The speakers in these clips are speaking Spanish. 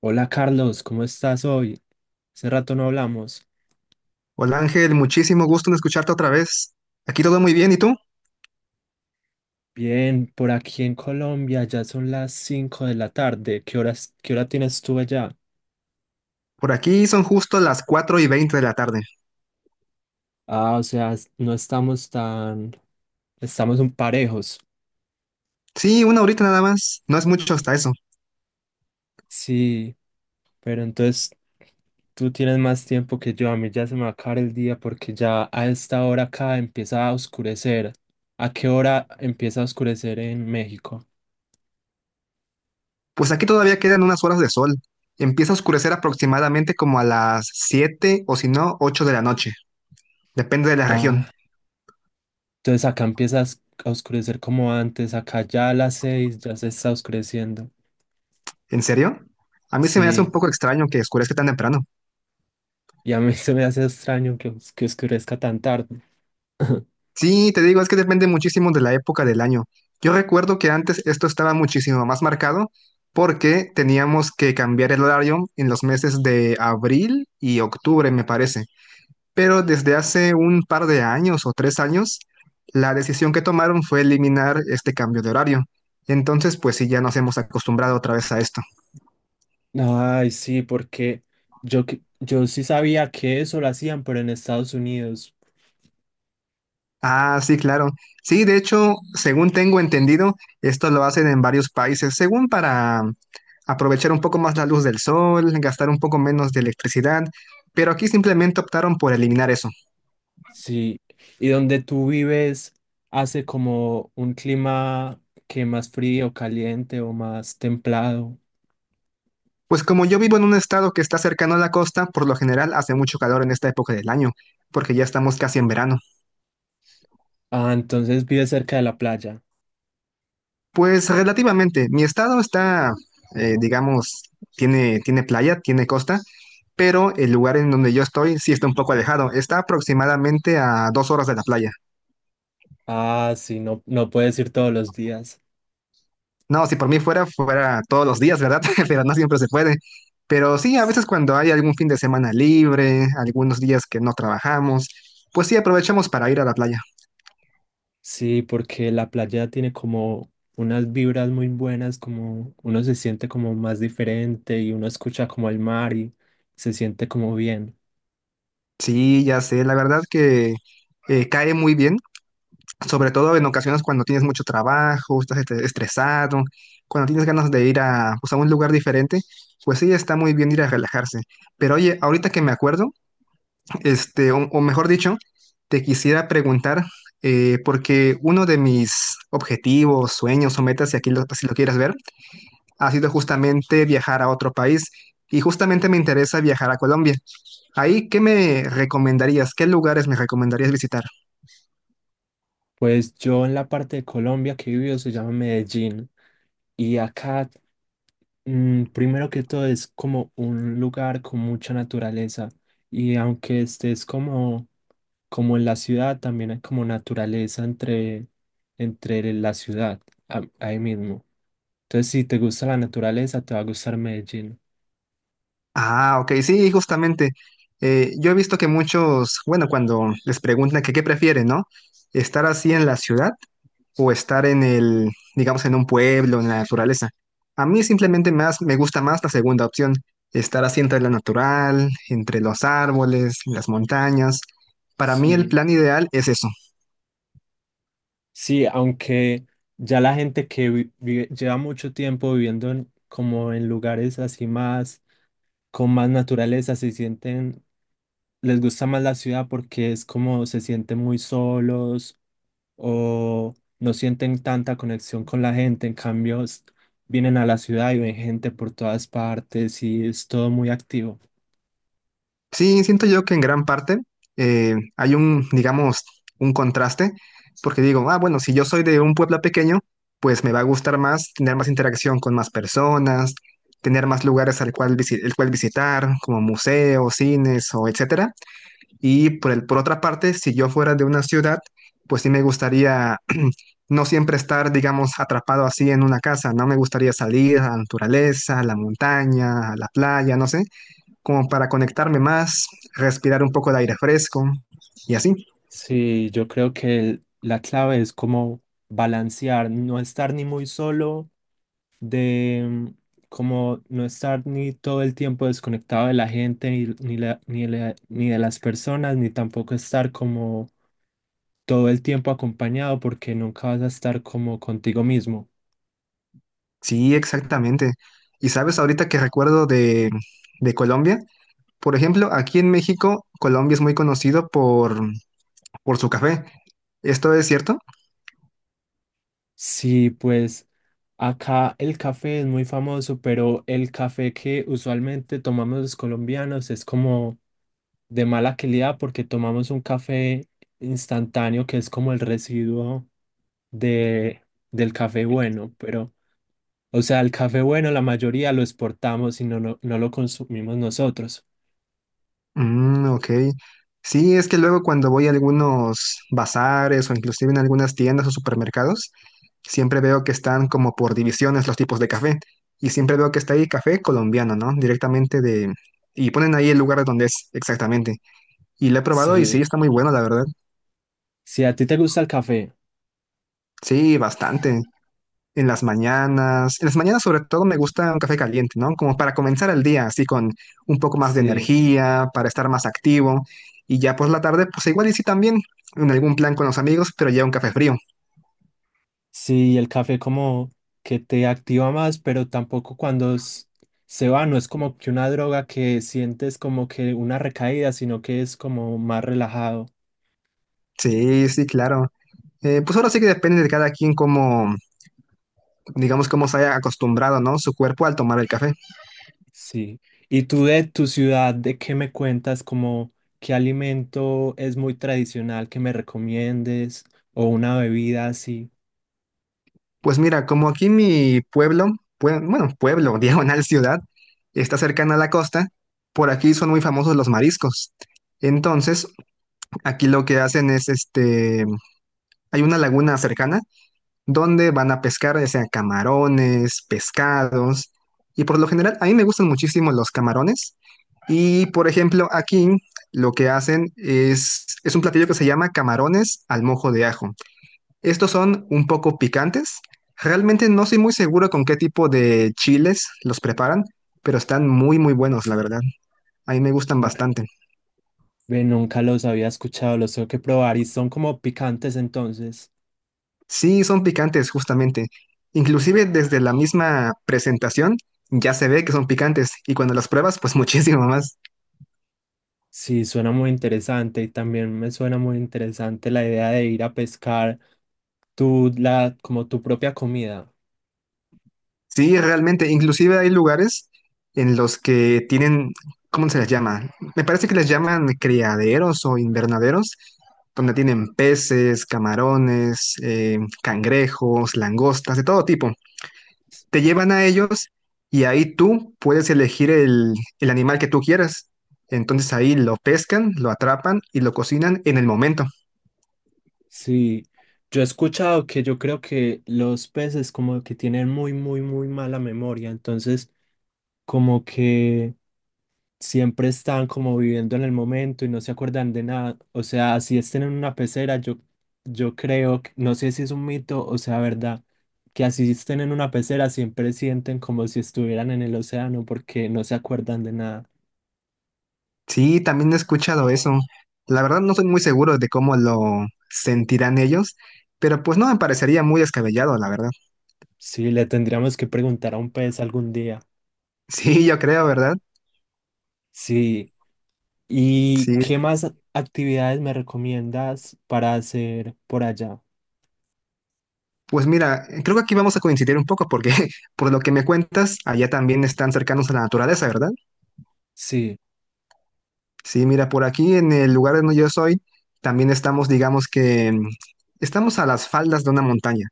Hola Carlos, ¿cómo estás hoy? Hace rato no hablamos. Hola Ángel, muchísimo gusto en escucharte otra vez. Aquí todo muy bien, ¿y tú? Bien, por aquí en Colombia ya son las 5 de la tarde. ¿Qué hora tienes tú allá? Por aquí son justo las 4 y 20 de la tarde. Ah, o sea, no estamos tan, estamos un parejos. Sí, una horita nada más, no es mucho hasta eso. Sí, pero entonces tú tienes más tiempo que yo. A mí ya se me va a acabar el día porque ya a esta hora acá empieza a oscurecer. ¿A qué hora empieza a oscurecer en México? Pues aquí todavía quedan unas horas de sol. Empieza a oscurecer aproximadamente como a las 7 o si no, 8 de la noche. Depende de la región. Ah, entonces acá empieza a oscurecer como antes, acá ya a las 6 ya se está oscureciendo. ¿En serio? A mí se me hace un Sí, poco extraño que oscurezca tan temprano. y a mí se me hace extraño que, que oscurezca tan tarde. Sí, te digo, es que depende muchísimo de la época del año. Yo recuerdo que antes esto estaba muchísimo más marcado porque teníamos que cambiar el horario en los meses de abril y octubre, me parece. Pero desde hace un par de años o tres años, la decisión que tomaron fue eliminar este cambio de horario. Entonces, pues sí, ya nos hemos acostumbrado otra vez a esto. Ay, sí, porque yo sí sabía que eso lo hacían, pero en Estados Unidos, Ah, sí, claro. Sí, de hecho, según tengo entendido, esto lo hacen en varios países, según para aprovechar un poco más la luz del sol, gastar un poco menos de electricidad, pero aquí simplemente optaron por eliminar eso. sí. Y donde tú vives hace como un clima que más frío, caliente o más templado. Pues como yo vivo en un estado que está cercano a la costa, por lo general hace mucho calor en esta época del año, porque ya estamos casi en verano. Ah, entonces vives cerca de la playa. Pues relativamente, mi estado está, digamos, tiene playa, tiene costa, pero el lugar en donde yo estoy sí está un poco alejado. Está aproximadamente a dos horas de la playa. Ah, sí, no, no puedes ir todos los días. No, si por mí fuera, fuera todos los días, ¿verdad? Pero no siempre se puede. Pero sí, a veces cuando hay algún fin de semana libre, algunos días que no trabajamos, pues sí aprovechamos para ir a la playa. Sí, porque la playa tiene como unas vibras muy buenas, como uno se siente como más diferente y uno escucha como el mar y se siente como bien. Sí, ya sé, la verdad que cae muy bien, sobre todo en ocasiones cuando tienes mucho trabajo, estás estresado, cuando tienes ganas de ir a, pues, a un lugar diferente, pues sí, está muy bien ir a relajarse. Pero oye, ahorita que me acuerdo, este, o mejor dicho, te quisiera preguntar, porque uno de mis objetivos, sueños o metas, si lo quieres ver, ha sido justamente viajar a otro país y justamente me interesa viajar a Colombia. Ahí, ¿qué me recomendarías? ¿Qué lugares me recomendarías visitar? Pues yo en la parte de Colombia que he vivido se llama Medellín y acá, primero que todo es como un lugar con mucha naturaleza y aunque estés como, como en la ciudad, también hay como naturaleza entre, entre la ciudad, ahí mismo. Entonces, si te gusta la naturaleza, te va a gustar Medellín. Ah, ok, sí, justamente. Yo he visto que muchos, bueno, cuando les preguntan que qué prefieren, ¿no? Estar así en la ciudad o estar en el, digamos, en un pueblo, en la naturaleza. A mí simplemente más me gusta más la segunda opción, estar así entre entre los árboles, las montañas. Para mí el Sí. plan ideal es eso. Sí, aunque ya la gente que lleva mucho tiempo viviendo como en lugares así más, con más naturaleza, se sienten les gusta más la ciudad porque es como se sienten muy solos o no sienten tanta conexión con la gente. En cambio, vienen a la ciudad y ven gente por todas partes y es todo muy activo. Sí, siento yo que en gran parte hay un, digamos, un contraste, porque digo, ah, bueno, si yo soy de un pueblo pequeño, pues me va a gustar más tener más interacción con más personas, tener más lugares el cual visitar, como museos, cines o etcétera. Por otra parte, si yo fuera de una ciudad, pues sí me gustaría no siempre estar, digamos, atrapado así en una casa, ¿no? Me gustaría salir a la naturaleza, a la montaña, a la playa, no sé, como para conectarme más, respirar un poco de aire fresco y así. Sí, yo creo que la clave es como balancear, no estar ni muy solo, de como no estar ni todo el tiempo desconectado de la gente, ni ni de las personas, ni tampoco estar como todo el tiempo acompañado porque nunca vas a estar como contigo mismo. Sí, exactamente. Y sabes, ahorita que recuerdo de Colombia, por ejemplo, aquí en México, Colombia es muy conocido por su café. ¿Esto es cierto? Sí, pues acá el café es muy famoso, pero el café que usualmente tomamos los colombianos es como de mala calidad porque tomamos un café instantáneo que es como el residuo de, del café bueno, pero o sea, el café bueno la mayoría lo exportamos y no lo consumimos nosotros. Mm, ok. Sí, es que luego cuando voy a algunos bazares o inclusive en algunas tiendas o supermercados, siempre veo que están como por divisiones los tipos de café. Y siempre veo que está ahí café colombiano, ¿no? Directamente de... Y ponen ahí el lugar donde es exactamente. Y lo he probado y sí, Sí, está muy bueno, la verdad. si a ti te gusta el café, Sí, bastante. En las mañanas sobre todo me gusta un café caliente, ¿no? Como para comenzar el día así con un poco más de sí. energía, para estar más activo. Y ya pues la tarde, pues igual y sí también, en algún plan con los amigos, pero ya un café frío. Sí, el café como que te activa más, pero tampoco cuando se va, no es como que una droga que sientes como que una recaída, sino que es como más relajado. Sí, sí, claro. Pues ahora sí que depende de cada quien cómo digamos, cómo se haya acostumbrado, ¿no? Su cuerpo al tomar el café. Sí. ¿Y tú de tu ciudad, de qué me cuentas? Como qué alimento es muy tradicional que me recomiendes o una bebida así. Pues mira, como aquí mi pueblo, bueno, pueblo, diagonal ciudad, está cercana a la costa, por aquí son muy famosos los mariscos. Entonces, aquí lo que hacen es, este, hay una laguna cercana donde van a pescar, ya sea camarones, pescados, y por lo general a mí me gustan muchísimo los camarones. Y por ejemplo, aquí lo que hacen es un platillo que se llama camarones al mojo de ajo. Estos son un poco picantes. Realmente no soy muy seguro con qué tipo de chiles los preparan, pero están muy, muy buenos, la verdad. A mí me gustan bastante. Ve, nunca los había escuchado, los tengo que probar y son como picantes entonces. Sí, son picantes, justamente. Inclusive desde la misma presentación ya se ve que son picantes y cuando las pruebas, pues muchísimo más. Sí, suena muy interesante y también me suena muy interesante la idea de ir a pescar tu, la, como tu propia comida. Sí, realmente, inclusive hay lugares en los que tienen, ¿cómo se les llama? Me parece que les llaman criaderos o invernaderos, donde tienen peces, camarones, cangrejos, langostas, de todo tipo. Te llevan a ellos y ahí tú puedes elegir el animal que tú quieras. Entonces ahí lo pescan, lo atrapan y lo cocinan en el momento. Sí, yo he escuchado que yo creo que los peces como que tienen muy mala memoria, entonces como que siempre están como viviendo en el momento y no se acuerdan de nada. O sea, si estén en una pecera, yo creo, no sé si es un mito o sea verdad, que así estén en una pecera siempre sienten como si estuvieran en el océano porque no se acuerdan de nada. Sí, también he escuchado eso. La verdad no soy muy seguro de cómo lo sentirán ellos, pero pues no me parecería muy descabellado, la verdad. Sí, le tendríamos que preguntar a un pez algún día. Sí, yo creo, ¿verdad? Sí. ¿Y qué Sí. más actividades me recomiendas para hacer por allá? Pues mira, creo que aquí vamos a coincidir un poco porque por lo que me cuentas, allá también están cercanos a la naturaleza, ¿verdad? Sí, Sí, mira, por aquí en el lugar donde yo soy, también estamos, digamos que estamos a las faldas de una montaña.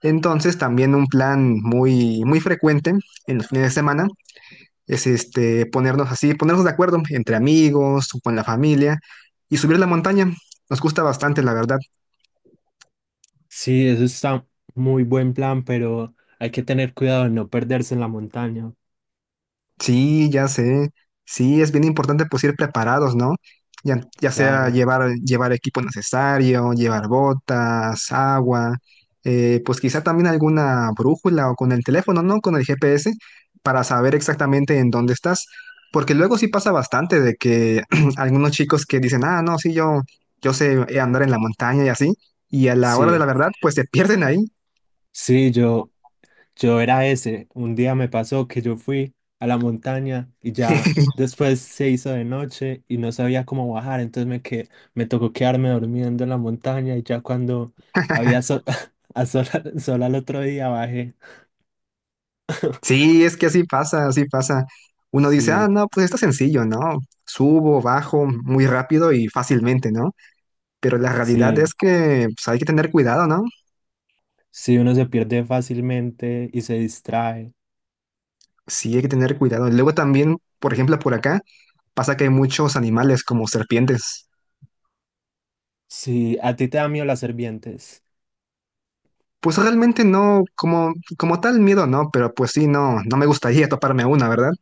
Entonces, también un plan muy, muy frecuente en los fines de semana es este ponernos de acuerdo entre amigos o con la familia y subir la montaña. Nos gusta bastante, la verdad. sí, eso está muy buen plan, pero hay que tener cuidado de no perderse en la montaña. Sí, ya sé. Sí, es bien importante pues ir preparados, ¿no? Ya sea Claro. Llevar equipo necesario, llevar botas, agua, pues quizá también alguna brújula o con el teléfono, ¿no? Con el GPS para saber exactamente en dónde estás. Porque luego sí pasa bastante de que algunos chicos que dicen, ah, no, sí, yo sé andar en la montaña y así, y a la hora de Sí, la verdad, pues se pierden ahí. sí, yo, yo era ese. Un día me pasó que yo fui a la montaña y ya después se hizo de noche y no sabía cómo bajar, entonces me tocó quedarme durmiendo en la montaña y ya cuando había sol, a sol, sol al otro día bajé. Sí, es que así pasa, así pasa. Uno dice, Sí, ah, no, pues está sencillo, ¿no? Subo, bajo muy rápido y fácilmente, ¿no? Pero la realidad sí, es que pues, hay que tener cuidado, ¿no? sí, uno se pierde fácilmente y se distrae. Sí, hay que tener cuidado. Luego también, por ejemplo, por acá pasa que hay muchos animales como serpientes. Sí, a ti te da miedo las serpientes. Pues realmente no, como tal miedo, ¿no? Pero pues sí, no me gustaría toparme a una, ¿verdad?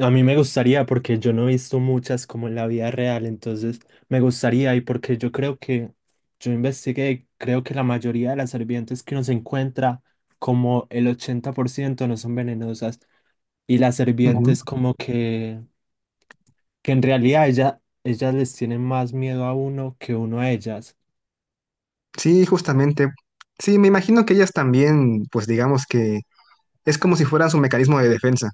A mí me gustaría porque yo no he visto muchas como en la vida real, entonces me gustaría y porque yo creo que yo investigué, creo que la mayoría de las serpientes que uno se encuentra, como el 80% no son venenosas y las Ujú. serpientes como que en realidad ella, ellas les tienen más miedo a uno que uno a ellas. Sí, justamente. Sí, me imagino que ellas también, pues digamos que es como si fueran su mecanismo de defensa.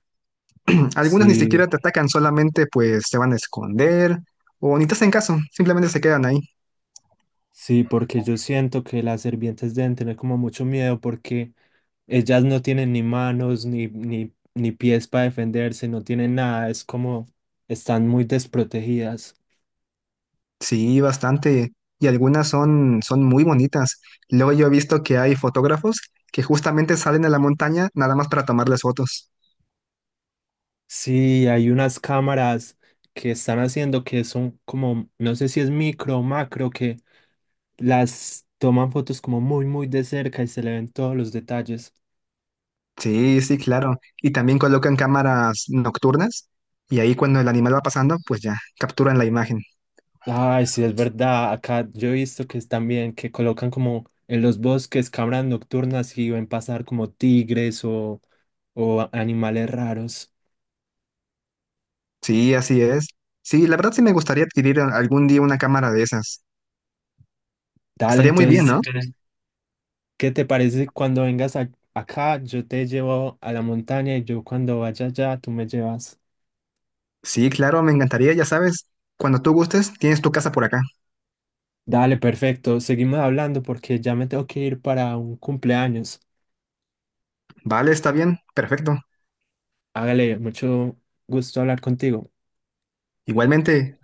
Algunas ni Sí. siquiera te atacan, solamente pues se van a esconder o ni te hacen caso, simplemente se quedan ahí. Sí, porque yo siento que las serpientes deben tener como mucho miedo porque ellas no tienen ni manos ni ni pies para defenderse, no tienen nada, es como están muy desprotegidas. Sí, bastante. Y algunas son muy bonitas. Luego yo he visto que hay fotógrafos que justamente salen a la montaña nada más para tomarles fotos. Sí, hay unas cámaras que están haciendo que son como, no sé si es micro o macro, que las toman fotos como muy de cerca y se le ven todos los detalles. Sí, sí, claro. Y también colocan cámaras nocturnas y ahí cuando el animal va pasando, pues ya capturan la imagen. Ay, sí, es verdad. Acá yo he visto que es también que colocan como en los bosques cámaras nocturnas y ven pasar como tigres o, o animales raros. Sí, así es. Sí, la verdad sí me gustaría adquirir algún día una cámara de esas. Dale, Estaría muy bien, entonces, ¿no? ¿qué te parece cuando vengas acá? Yo te llevo a la montaña y yo cuando vaya allá, tú me llevas. Sí, claro, me encantaría, ya sabes. Cuando tú gustes, tienes tu casa por acá. Dale, perfecto. Seguimos hablando porque ya me tengo que ir para un cumpleaños. Vale, está bien, perfecto. Hágale, mucho gusto hablar contigo. Igualmente,